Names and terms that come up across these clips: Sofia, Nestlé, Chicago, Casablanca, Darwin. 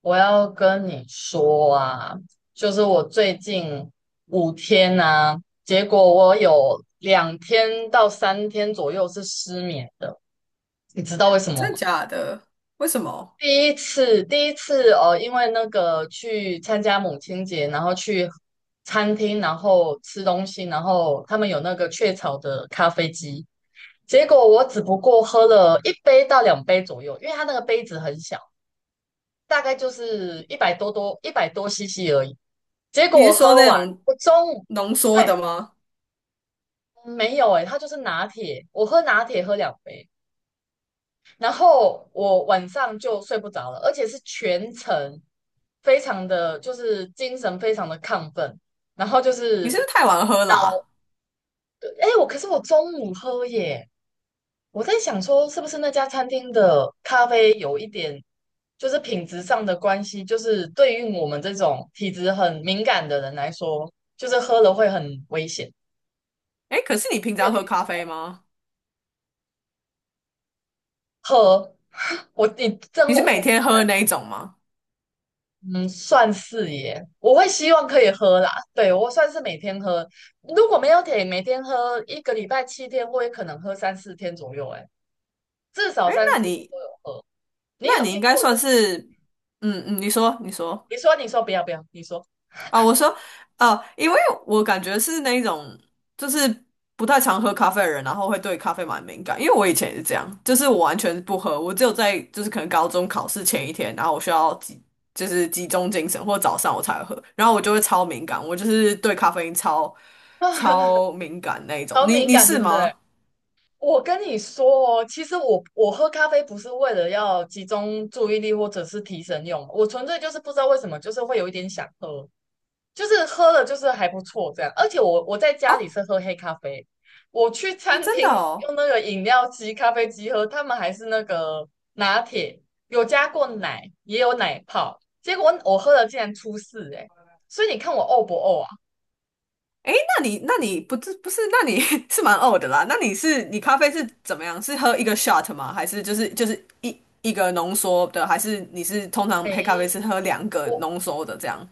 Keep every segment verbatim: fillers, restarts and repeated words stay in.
我要跟你说啊，就是我最近五天啊，结果我有两天到三天左右是失眠的，你知道为什么真的吗？假的？为什么？第一次，第一次哦，因为那个去参加母亲节，然后去餐厅，然后吃东西，然后他们有那个雀巢的咖啡机，结果我只不过喝了一杯到两杯左右，因为它那个杯子很小，大概就是一百多多一百多 C C 而已。结果你我是喝说那完，种我中午浓对。缩的吗？没有诶、它就是拿铁，我喝拿铁喝两杯，然后我晚上就睡不着了，而且是全程非常的就是精神非常的亢奋，然后就你是是不是太晚喝脑啦？哎、诶我可是我中午喝耶，我在想说是不是那家餐厅的咖啡有一点就是品质上的关系，就是对于我们这种体质很敏感的人来说，就是喝了会很危险。哎，可是你平你有常听喝咖啡吗？喝。我你真你是每我天喝的那一种吗？嗯，算是耶，我会希望可以喝啦。对，我算是每天喝，如果没有铁，每天喝一个礼拜七天，我也可能喝三四天左右，哎，至少哎，三那四天你都有喝。你那有你应听该过就算是是，嗯嗯，你说你说，你说你说不要不要，你说啊，我说，呃，因为我感觉是那种就是不太常喝咖啡的人，然后会对咖啡蛮敏感。因为我以前也是这样，就是我完全不喝，我只有在就是可能高中考试前一天，然后我需要集就是集中精神，或早上我才会喝，然后我就会超敏感，我就是对咖啡因超啊，超敏感那一种。好你敏你感对是不对？吗？我跟你说哦，其实我我喝咖啡不是为了要集中注意力或者是提神用，我纯粹就是不知道为什么，就是会有一点想喝。就是喝了就是还不错这样。而且我我在家里哦是喝黑咖啡，我去哦，餐真的厅哦。用那个饮料机、咖啡机喝，他们还是那个拿铁，有加过奶，也有奶泡。结果我喝了竟然出事哎、欸，所以你看我呕不呕啊？诶，那你那你不是不是，那你 是蛮呕的啦。那你是你咖啡是怎么样？是喝一个 shot 吗？还是就是就是一一个浓缩的？还是你是通常黑咖啡是没，喝两个我浓缩的这样？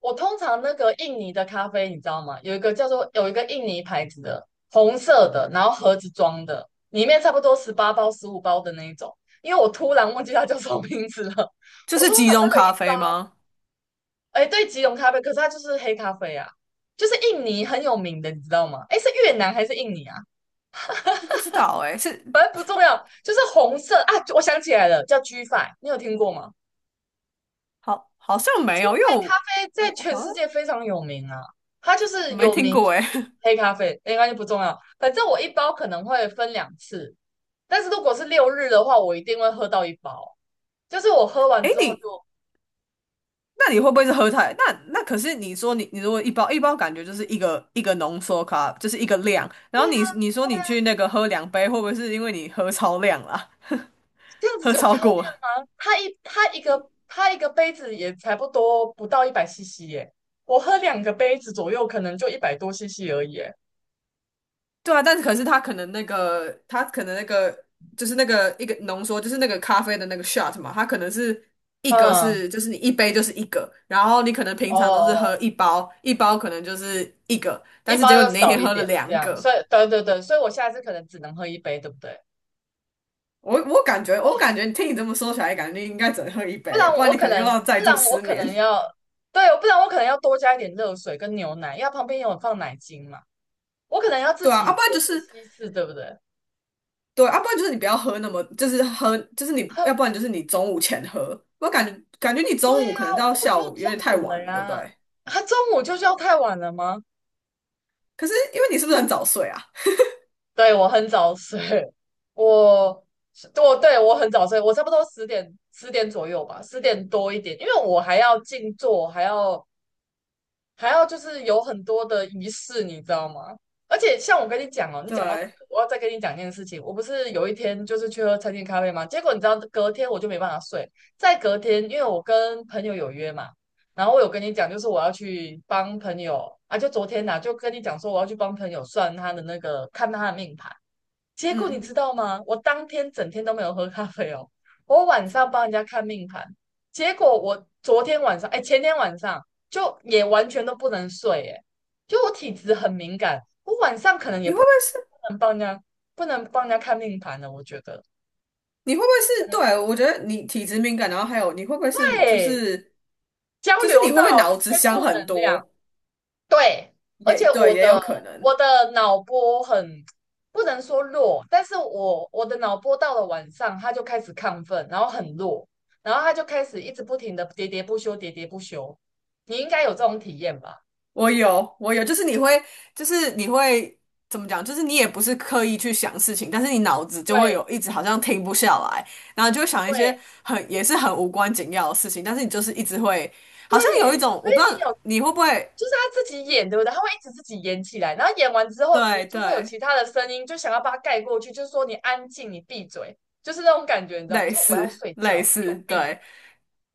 我通常那个印尼的咖啡，你知道吗？有一个叫做有一个印尼牌子的红色的，然后盒子装的，里面差不多十八包、十五包的那一种。因为我突然忘记它叫什么名字了。就我是通集常那中个一咖包，啡吗？哎，对，吉隆咖啡，可是它就是黑咖啡啊，就是印尼很有名的，你知道吗？哎，是越南还是印尼啊？我不知道诶，是反正不重要，就是红色啊。我想起来了，叫 G f i, 你有听过吗？好好像没有，因为我在在我全好像世界非常有名啊，它就是没有听名过就是诶。黑咖啡，应该就不重要，反正我一包可能会分两次，但是如果是六日的话，我一定会喝到一包，就是我喝完诶，之后你就，那你会不会是喝太？那那可是你说你你如果一包一包感觉就是一个一个浓缩咖，就是一个量。然对后你啊，你说你去那个喝两杯，会不会是因为你喝超量啦？这样喝子有超超过量了。吗？它一它一个它一个杯子也才不多，不到一百 C C 耶，我喝两个杯子左右，可能就一百多 C C 而已耶。对啊，但是可是他可能那个，他可能那个就是那个一个浓缩，就是那个咖啡的那个 shot 嘛，它可能是一个嗯，是就是你一杯就是一个，然后你可能平常都是喝哦，一包，一包可能就是一个，一但是结包果要你那少天一喝了点这两样，个。所以对对对，所以我下次可能只能喝一杯，对不对？我我感觉，我哦，感觉你听你这么说起来，感觉你应该只能喝一不杯，然不然我你可可能又能，要再不度然我失可眠。能要，对，不然我可能要多加一点热水跟牛奶，因为它旁边有放奶精嘛，我可能要自对啊，要、己不然就就是是稀释，对不对？对，要、啊不然就是你不要喝那么，就是喝，就是你，要他不然就是你中午前喝。我感觉感觉你对中午可呀、啊，能到我下就午有中点太午晚了了，对不呀，对？他中午就是要太晚了吗？可是因为你是不是很早睡啊？对，我很早睡。我我对我很早睡，我差不多十点十点左右吧，十点多一点，因为我还要静坐，还要还要就是有很多的仪式，你知道吗？而且像我跟你讲哦，你讲到这对，个我要再跟你讲一件事情。我不是有一天就是去喝餐厅咖啡吗？结果你知道，隔天我就没办法睡。在隔天，因为我跟朋友有约嘛，然后我有跟你讲，就是我要去帮朋友啊，就昨天呐、就跟你讲说我要去帮朋友算他的那个，看他的命盘。结果你嗯，知道吗？我当天整天都没有喝咖啡哦。我晚上帮人家看命盘，结果我昨天晚上，哎，前天晚上就也完全都不能睡，哎，就我体质很敏感，我晚上可能你也会不不会是？能帮人家，不能帮人家看命盘了。我觉得，你会不会是？对，我觉得你体质敏感，然后还有你会不会是？就对，是交就是流你会到不会脑一子些想负很能量，多？对，而也且对，我也有的可能。我的脑波很不能说弱，但是我我的脑波到了晚上，它就开始亢奋，然后很弱，然后它就开始一直不停的喋喋不休，喋喋不休。你应该有这种体验吧？我有，我有，就是你会，就是你会怎么讲？就是你也不是刻意去想事情，但是你脑子就会对有一直好像停不下来，然后就会想一些对很也是很无关紧要的事情，但是你就是一直会，好像有一对，种所我以不知你道有，你会不会，就是他自己演，对不对？他会一直自己演起来，然后演完之后，你对就会有对，其他的声音，就想要把它盖过去，就是说你安静，你闭嘴，就是那种感觉，你知道吗？类就是我要似睡类觉，你给似，我闭。对，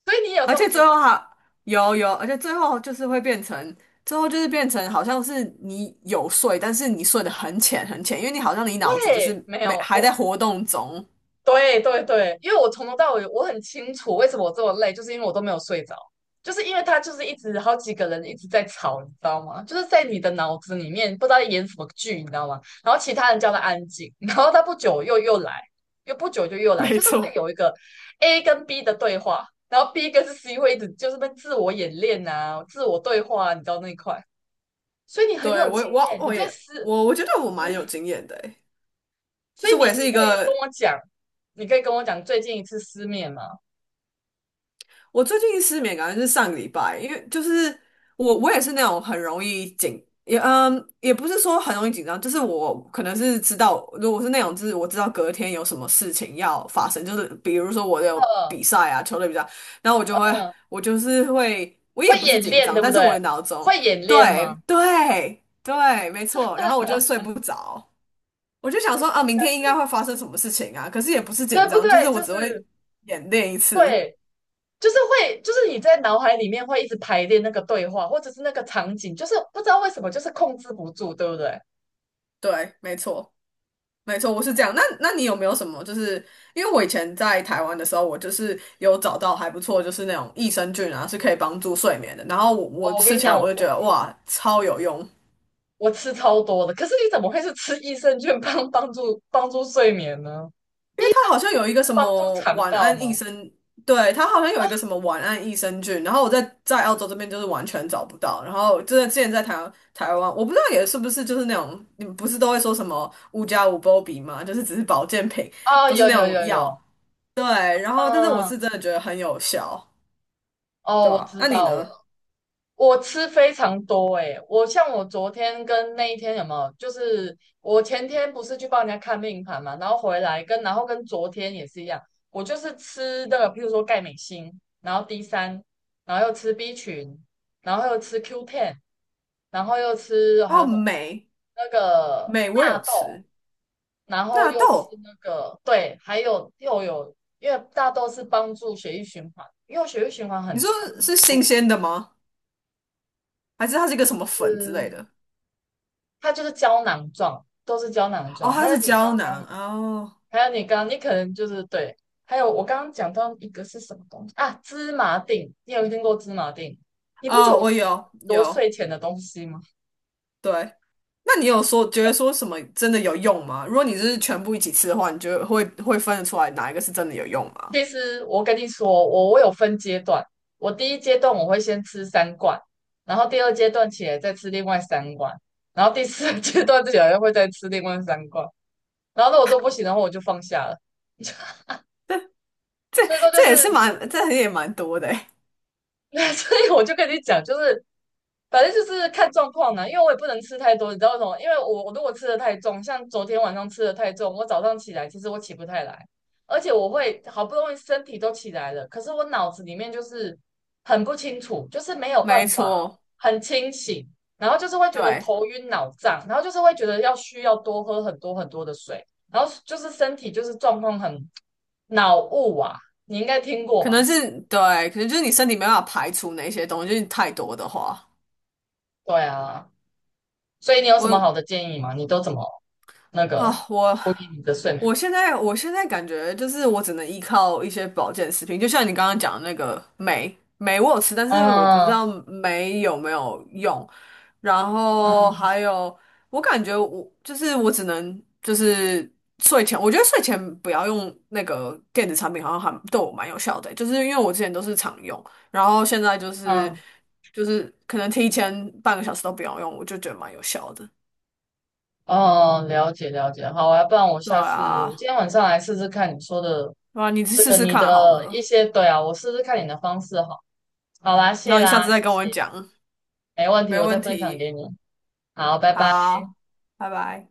所以你有而这种且经最后验。还有有，而且最后就是会变成。最后就是变成好像是你有睡，但是你睡得很浅很浅，因为你好像你脑子就对，是没没有还我，在活动中。对对对，因为我从头到尾我很清楚为什么我这么累，就是因为我都没有睡着，就是因为他就是一直好几个人一直在吵，你知道吗？就是在你的脑子里面不知道在演什么剧，你知道吗？然后其他人叫他安静，然后他不久又又来，又不久就又 来，没就是会错。有一个 A 跟 B 的对话，然后 B 跟 C 会一直就是被自我演练啊，自我对话啊，你知道那一块，所以你很对，有我也经我验，你我对也思。我我觉得我蛮有经验的诶，就所以是你我也是你一可以跟个，我讲，你可以跟我讲最近一次失眠吗？我最近失眠感觉是上个礼拜，因为就是我我也是那种很容易紧，也嗯也不是说很容易紧张，就是我可能是知道，如果是那种就是我知道隔天有什么事情要发生，就是比如说我有嗯比赛啊，球类比赛，然后我就会嗯，我就是会，我也会不是演紧练张，对不但是我对？的脑中。会演练对吗？对对，没错，然后我就睡不着。我就想说啊，我明下天应该次会发生什么事情啊？可是也不是紧对不张，就是对？我就只会是演练一次。对，就是会，就是你在脑海里面会一直排练那个对话，或者是那个场景，就是不知道为什么就是控制不住，对不对？对，没错，没错，我是这样。那那你有没有什么？就是因为我以前在台湾的时候，我就是有找到还不错，就是那种益生菌啊，是可以帮助睡眠的。然后我我哦，我吃跟你起来，讲，我我就我觉得哇，超有用。我吃超多的，可是你怎么会是吃益生菌帮帮助帮助睡眠呢？因益为生它好像菌有一不个是什帮助么肠晚道安益吗？生。对，它好像有一个什么晚安益生菌，然后我在在澳洲这边就是完全找不到，然后真的之前在台湾台湾，我不知道也是不是就是那种你们不是都会说什么五加五波比吗？就是只是保健品，哦，不是有那有种有药，有，对，然后但是我嗯，是真的觉得很有效，哦，对我吧？知那你道了，呢？我吃非常多诶、我像我昨天跟那一天有没有，就是我前天不是去帮人家看命盘嘛，然后回来跟然后跟昨天也是一样，我就是吃的，譬如说钙镁锌，然后 D 三，然后又吃 B 群，然后又吃 q 一,然后又吃还哦，有什么镁那个镁我有纳豆，吃，然后纳又吃豆，那个对，还有又有因为大豆是帮助血液循环，因为我血液循环你很说差。是我新鲜的吗？还是它是一个什么粉之类的？是它就是胶囊状，都是胶囊哦，状。它还有是你胶刚囊刚，哦。还有你刚刚，你可能就是对，还有我刚刚讲到一个是什么东西啊？芝麻锭，你有听过芝麻锭？你不觉得哦，我吃我很有多有，睡前的东西吗？对。那你有说觉得说什么真的有用吗？如果你是全部一起吃的话，你就会会分得出来哪一个是真的有用吗？其实我跟你说，我我有分阶段，我第一阶段我会先吃三罐，然后第二阶段起来再吃另外三罐，然后第四阶段起来会再吃另外三罐，然后如果都不行的话，我就放下了。这所以说就这是，也是蛮，这也蛮多的欸。所以我就跟你讲，就是反正就是看状况啦，因为我也不能吃太多，你知道为什么？因为我我如果吃的太重，像昨天晚上吃的太重，我早上起来其实我起不太来，而且我会好不容易身体都起来了，可是我脑子里面就是很不清楚，就是没有没办法错，很清醒，然后就是会觉得对，头晕脑胀，然后就是会觉得要需要多喝很多很多的水，然后就是身体就是状况很脑雾啊，你应该听过可吧？能是对，可能就是你身体没办法排除那些东西，就是太多的话，对啊，所以你有什么我好的建议吗？你都怎么？那个啊，我处理你的睡眠。我现在我现在感觉就是我只能依靠一些保健食品，就像你刚刚讲的那个酶，酶我有吃，但是我不知嗯道酶有没有用。然后嗯还有，我感觉我就是我只能就是睡前，我觉得睡前不要用那个电子产品，好像还对我蛮有效的欸，就是因为我之前都是常用，然后现在就是嗯，就是可能提前半个小时都不要用，我就觉得蛮有效的。哦，了解了解。好啊，不然我对下次我啊。今天晚上来试试看你说的哇，你去这试个试你看好的一了，些，对啊，我试试看你的方式好。好啦，然谢后你下啦，次再谢跟我谢，讲，没问题，没我再问分享题。给你。好，拜拜。好，拜拜。